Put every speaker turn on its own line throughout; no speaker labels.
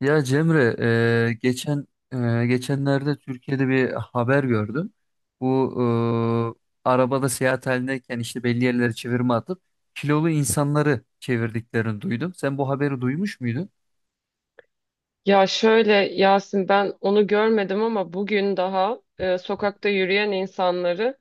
Ya Cemre, e, geçen geçenlerde Türkiye'de bir haber gördüm. Bu Arabada seyahat halindeyken işte belli yerlere çevirme atıp kilolu insanları çevirdiklerini duydum. Sen bu haberi duymuş muydun?
Ya şöyle Yasin, ben onu görmedim ama bugün daha sokakta yürüyen insanları,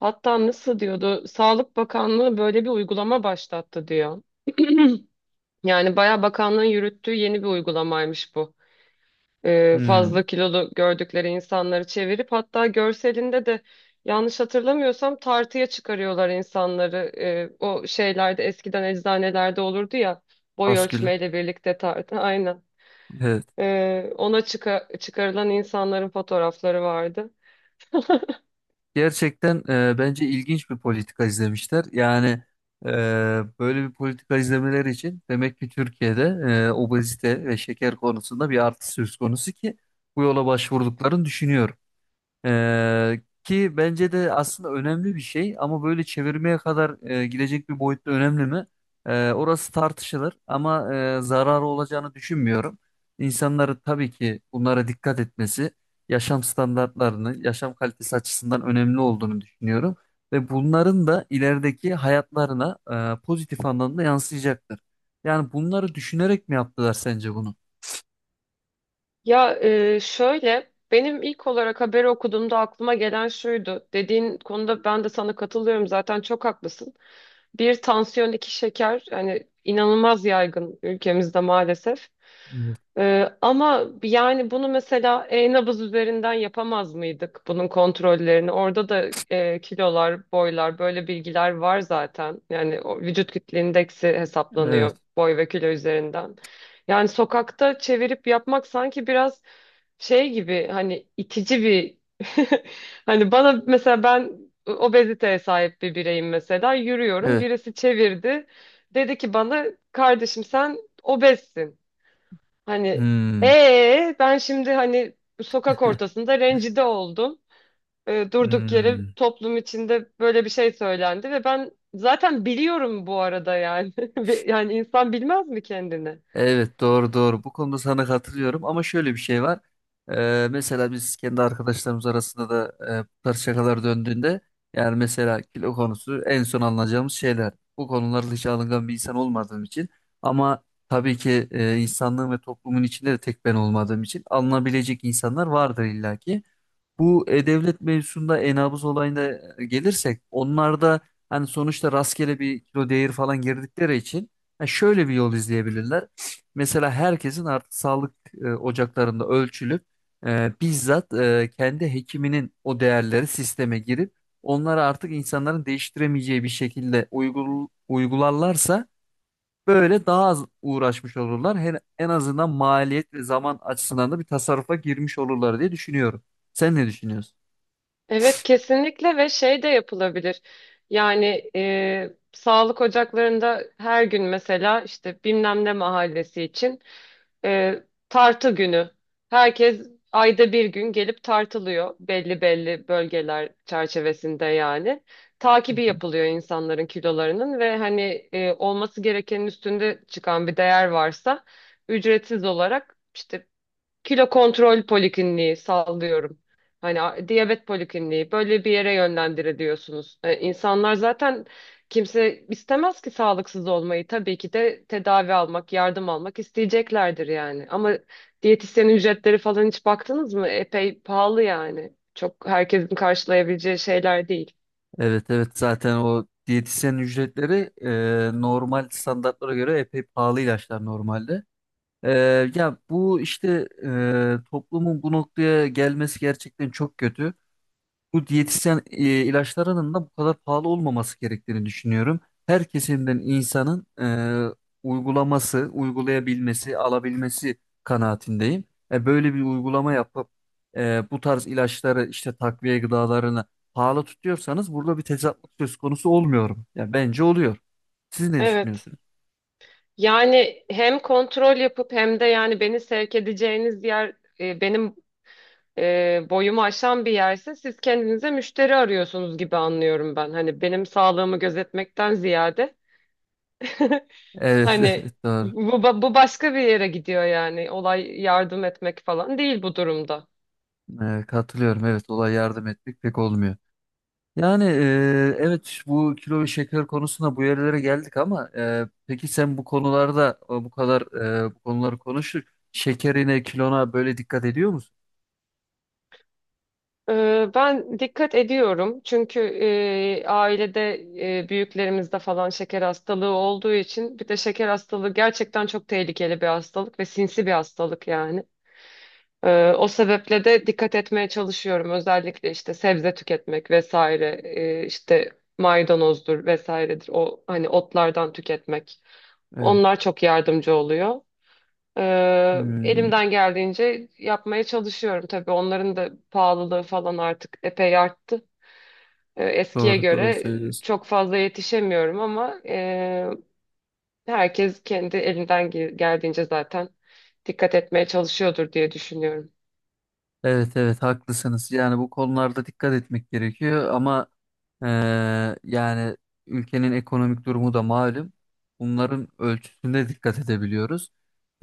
hatta nasıl diyordu, Sağlık Bakanlığı böyle bir uygulama başlattı diyor. Yani bayağı bakanlığın yürüttüğü yeni bir uygulamaymış bu. Fazla
Hmm.
kilolu gördükleri insanları çevirip, hatta görselinde de yanlış hatırlamıyorsam tartıya çıkarıyorlar insanları. O şeylerde eskiden eczanelerde olurdu ya, boy
Askül.
ölçmeyle birlikte tartı. Aynen.
Evet.
Ona çıkarılan insanların fotoğrafları vardı.
Gerçekten bence ilginç bir politika izlemişler. Yani e, böyle bir politika izlemeleri için demek ki Türkiye'de obezite ve şeker konusunda bir artış söz konusu ki bu yola başvurduklarını düşünüyorum. Ki bence de aslında önemli bir şey ama böyle çevirmeye kadar gidecek bir boyutta önemli mi? Orası tartışılır ama zararı olacağını düşünmüyorum. İnsanları tabii ki bunlara dikkat etmesi, yaşam standartlarını, yaşam kalitesi açısından önemli olduğunu düşünüyorum. Ve bunların da ilerideki hayatlarına pozitif anlamda yansıyacaktır. Yani bunları düşünerek mi yaptılar sence bunu?
Ya, şöyle, benim ilk olarak haberi okuduğumda aklıma gelen şuydu. Dediğin konuda ben de sana katılıyorum, zaten çok haklısın. Bir tansiyon, iki şeker, yani inanılmaz yaygın ülkemizde maalesef.
Evet.
Ama yani bunu mesela e-nabız üzerinden yapamaz mıydık, bunun kontrollerini? Orada da kilolar, boylar, böyle bilgiler var zaten. Yani o vücut kitle indeksi
Evet.
hesaplanıyor boy ve kilo üzerinden. Yani sokakta çevirip yapmak sanki biraz şey gibi, hani itici bir hani bana mesela, ben obeziteye sahip bir bireyim mesela, yürüyorum,
Evet.
birisi çevirdi, dedi ki bana, kardeşim sen obezsin, hani
Hmm.
ben şimdi hani sokak ortasında rencide oldum. Durduk yere
Hmm.
toplum içinde böyle bir şey söylendi ve ben zaten biliyorum bu arada yani. Yani insan bilmez mi kendini?
Evet, doğru doğru. Bu konuda sana katılıyorum ama şöyle bir şey var. Mesela biz kendi arkadaşlarımız arasında da bu tarz şakalar döndüğünde yani mesela kilo konusu en son alınacağımız şeyler. Bu konularda hiç alıngan bir insan olmadığım için ama tabii ki insanlığın ve toplumun içinde de tek ben olmadığım için alınabilecek insanlar vardır illaki. Bu e-devlet mevzusunda e-nabız olayına gelirsek onlar da hani sonuçta rastgele bir kilo değeri falan girdikleri için ha, şöyle bir yol izleyebilirler. Mesela herkesin artık sağlık ocaklarında ölçülüp bizzat kendi hekiminin o değerleri sisteme girip onları artık insanların değiştiremeyeceği bir şekilde uygularlarsa böyle daha az uğraşmış olurlar. En azından maliyet ve zaman açısından da bir tasarrufa girmiş olurlar diye düşünüyorum. Sen ne düşünüyorsun?
Evet, kesinlikle, ve şey de yapılabilir. Yani sağlık ocaklarında her gün mesela işte bilmem ne mahallesi için e, tartı günü. Herkes ayda bir gün gelip tartılıyor belli belli bölgeler çerçevesinde yani. Takibi yapılıyor insanların kilolarının ve hani olması gerekenin üstünde çıkan bir değer varsa, ücretsiz olarak işte kilo kontrol polikliniği, sallıyorum. Hani diyabet polikliniği, böyle bir yere yönlendiriliyorsunuz. İnsanlar zaten, kimse istemez ki sağlıksız olmayı. Tabii ki de tedavi almak, yardım almak isteyeceklerdir yani. Ama diyetisyen ücretleri falan hiç baktınız mı? Epey pahalı yani. Çok herkesin karşılayabileceği şeyler değil.
Evet, evet, zaten o diyetisyen ücretleri normal standartlara göre epey pahalı ilaçlar normalde. E, Ya bu işte toplumun bu noktaya gelmesi gerçekten çok kötü, bu diyetisyen ilaçlarının da bu kadar pahalı olmaması gerektiğini düşünüyorum. Her kesimden insanın e, uygulaması, uygulayabilmesi, alabilmesi kanaatindeyim. Böyle bir uygulama yapıp bu tarz ilaçları işte takviye gıdalarını pahalı tutuyorsanız burada bir tezatlık söz konusu olmuyor mu? Ya bence oluyor. Siz ne
Evet.
düşünüyorsunuz?
Yani hem kontrol yapıp hem de yani beni sevk edeceğiniz yer benim boyumu aşan bir yerse, siz kendinize müşteri arıyorsunuz gibi anlıyorum ben. Hani benim sağlığımı gözetmekten ziyade
Evet,
hani
evet, doğru.
bu başka bir yere gidiyor yani. Olay yardım etmek falan değil bu durumda.
Katılıyorum. Evet, olay yardım etmek pek olmuyor. Yani evet, bu kilo ve şeker konusunda bu yerlere geldik ama peki sen bu konularda bu konuları konuştuk. Şekerine, kilona böyle dikkat ediyor musun?
Ben dikkat ediyorum çünkü ailede büyüklerimizde falan şeker hastalığı olduğu için, bir de şeker hastalığı gerçekten çok tehlikeli bir hastalık ve sinsi bir hastalık yani. O sebeple de dikkat etmeye çalışıyorum, özellikle işte sebze tüketmek vesaire, işte maydanozdur vesairedir, o hani otlardan tüketmek,
Evet.
onlar çok yardımcı oluyor.
Hmm,
Elimden geldiğince yapmaya çalışıyorum, tabii onların da pahalılığı falan artık epey arttı. Eskiye
doğru doğru
göre
söylüyorsun.
çok fazla yetişemiyorum ama herkes kendi elinden geldiğince zaten dikkat etmeye çalışıyordur diye düşünüyorum.
Evet, evet, haklısınız. Yani bu konularda dikkat etmek gerekiyor ama eee, yani ülkenin ekonomik durumu da malum. Bunların ölçüsüne dikkat edebiliyoruz.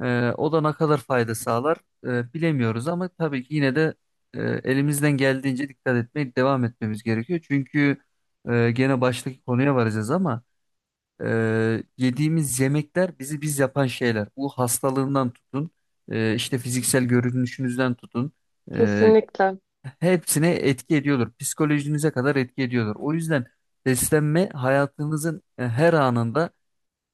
O da ne kadar fayda sağlar bilemiyoruz ama tabii ki yine de elimizden geldiğince dikkat etmeye devam etmemiz gerekiyor. Çünkü gene baştaki konuya varacağız ama yediğimiz yemekler bizi biz yapan şeyler. Bu hastalığından tutun, işte fiziksel görünüşünüzden tutun
Kesinlikle.
hepsine etki ediyordur. Psikolojinize kadar etki ediyordur. O yüzden beslenme hayatınızın her anında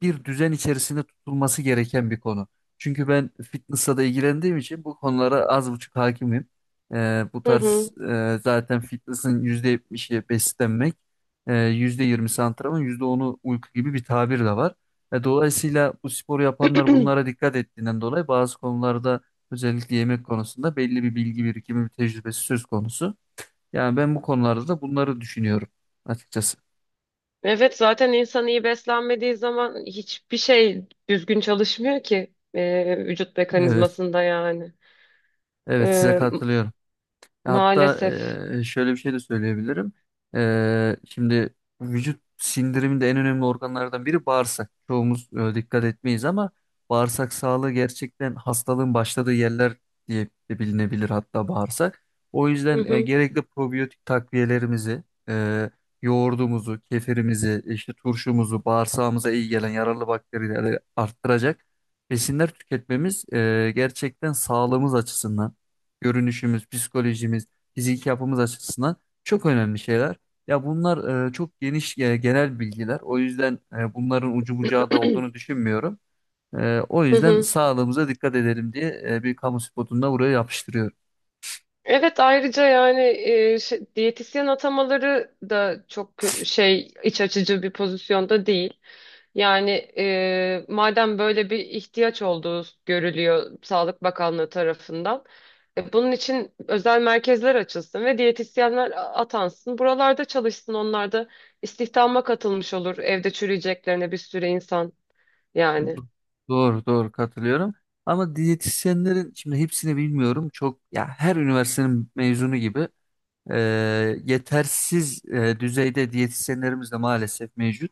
bir düzen içerisinde tutulması gereken bir konu. Çünkü ben fitness'la da ilgilendiğim için bu konulara az buçuk hakimim. Bu
Hı
tarz
hı.
zaten fitness'ın %70'i beslenmek, %20'si antrenman, %10'u uyku gibi bir tabir de var. Dolayısıyla bu sporu yapanlar bunlara dikkat ettiğinden dolayı bazı konularda özellikle yemek konusunda belli bir bilgi birikimi, bir tecrübesi söz konusu. Yani ben bu konularda da bunları düşünüyorum açıkçası.
Evet, zaten insan iyi beslenmediği zaman hiçbir şey düzgün çalışmıyor ki vücut
Evet,
mekanizmasında yani.
evet, size
Ee,
katılıyorum. Hatta
Maalesef.
şöyle bir şey de söyleyebilirim. Şimdi vücut sindiriminde en önemli organlardan biri bağırsak. Çoğumuz dikkat etmeyiz ama bağırsak sağlığı gerçekten hastalığın başladığı yerler diye de bilinebilir hatta bağırsak. O
Hı
yüzden
hı.
gerekli probiyotik takviyelerimizi, e, yoğurdumuzu, kefirimizi, işte turşumuzu, bağırsağımıza iyi gelen yararlı bakterileri arttıracak besinler tüketmemiz gerçekten sağlığımız açısından görünüşümüz, psikolojimiz, fiziki yapımız açısından çok önemli şeyler. Ya bunlar çok geniş genel bilgiler. O yüzden bunların ucu bucağı da olduğunu düşünmüyorum. O
Hı
yüzden
hı.
sağlığımıza dikkat edelim diye bir kamu spotunda buraya yapıştırıyorum.
Evet, ayrıca yani diyetisyen atamaları da çok iç açıcı bir pozisyonda değil. Yani madem böyle bir ihtiyaç olduğu görülüyor Sağlık Bakanlığı tarafından, bunun için özel merkezler açılsın ve diyetisyenler atansın. Buralarda çalışsın, onlar da istihdama katılmış olur evde çürüyeceklerine, bir sürü insan yani.
Do- Doğru doğru katılıyorum. Ama diyetisyenlerin şimdi hepsini bilmiyorum. Çok ya her üniversitenin mezunu gibi e, yetersiz düzeyde diyetisyenlerimiz de maalesef mevcut.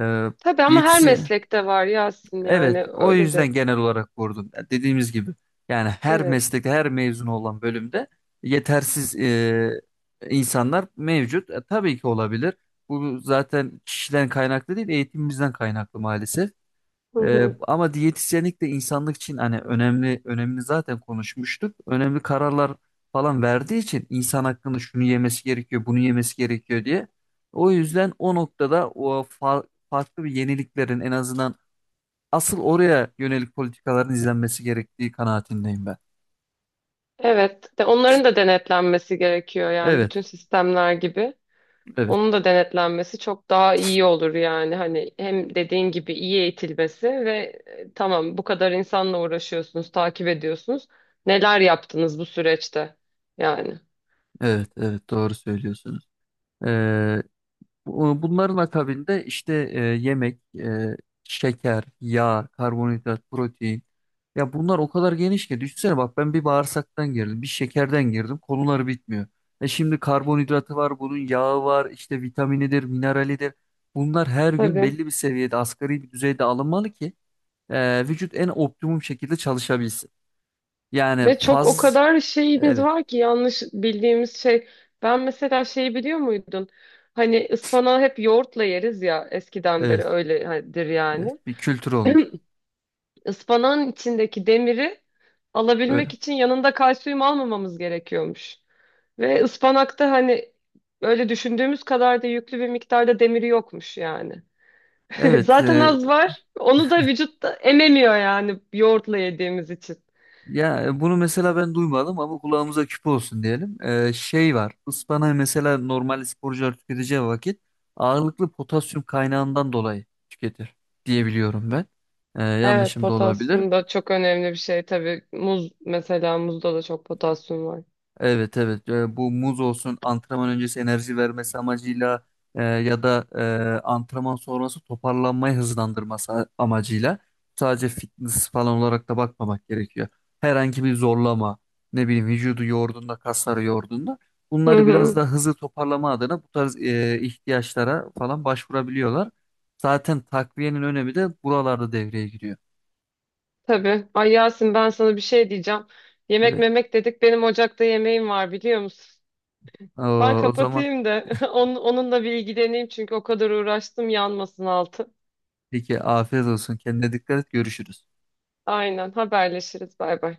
E,
Tabii, ama her
Diyetisyen.
meslekte var Yasin,
Evet,
yani
o
öyle de.
yüzden genel olarak vurdum. Ya dediğimiz gibi yani her
Evet.
meslekte, her mezun olan bölümde yetersiz insanlar mevcut. Tabii ki olabilir. Bu zaten kişiden kaynaklı değil, eğitimimizden kaynaklı maalesef.
Hı hı.
Ama diyetisyenlik de insanlık için hani önemli, önemini zaten konuşmuştuk. Önemli kararlar falan verdiği için insan hakkında şunu yemesi gerekiyor, bunu yemesi gerekiyor diye. O yüzden o noktada o farklı bir yeniliklerin en azından asıl oraya yönelik politikaların izlenmesi gerektiği kanaatindeyim ben.
Evet. De onların da denetlenmesi gerekiyor yani,
Evet,
bütün sistemler gibi.
evet,
Onun da denetlenmesi çok daha iyi olur yani. Hani hem dediğin gibi iyi eğitilmesi ve tamam, bu kadar insanla uğraşıyorsunuz, takip ediyorsunuz. Neler yaptınız bu süreçte? Yani.
evet, evet, doğru söylüyorsunuz. Ee, Bunların akabinde işte yemek, şeker, yağ, karbonhidrat, protein. Ya bunlar o kadar geniş ki düşünsene bak ben bir bağırsaktan girdim, bir şekerden girdim, konuları bitmiyor. Şimdi karbonhidratı var, bunun yağı var, işte vitaminidir, mineralidir. Bunlar her gün
Tabii.
belli bir seviyede, asgari bir düzeyde alınmalı ki vücut en optimum şekilde çalışabilsin. Yani
Ve çok, o
faz
kadar şeyimiz
Evet,
var ki yanlış bildiğimiz, şey, ben mesela şeyi biliyor muydun? Hani ıspanağı hep yoğurtla yeriz ya, eskiden beri
evet,
öyledir
evet,
yani.
bir kültür olmuş.
Ispanağın içindeki demiri alabilmek
Öyle.
için yanında kalsiyum almamamız gerekiyormuş. Ve ıspanakta hani öyle düşündüğümüz kadar da yüklü bir miktarda demiri yokmuş yani.
Evet,
Zaten az var. Onu da vücut da ememiyor yani, yoğurtla yediğimiz için.
ya bunu mesela ben duymadım ama kulağımıza küp olsun diyelim. Şey var, ıspanağı mesela normal sporcular tüketeceği vakit ağırlıklı potasyum kaynağından dolayı tüketir diyebiliyorum ben.
Evet,
Yanlışım da olabilir.
potasyum da çok önemli bir şey tabii. Muz, mesela muzda da çok potasyum var.
Evet, evet. Bu muz olsun antrenman öncesi enerji vermesi amacıyla ya da antrenman sonrası toparlanmayı hızlandırması amacıyla sadece fitness falan olarak da bakmamak gerekiyor. Herhangi bir zorlama ne bileyim vücudu yorduğunda kasları yorduğunda
Hı
bunları biraz
hı,
da hızlı toparlama adına bu tarz ihtiyaçlara falan başvurabiliyorlar. Zaten takviyenin önemi de buralarda devreye giriyor.
tabii. Ay Yasin, ben sana bir şey diyeceğim. Yemek
Evet.
memek dedik. Benim ocakta yemeğim var biliyor musun? Ben
O zaman
kapatayım da onunla bir ilgileneyim, çünkü o kadar uğraştım, yanmasın altı.
peki afiyet olsun, kendine dikkat et, görüşürüz.
Aynen, haberleşiriz. Bay bay.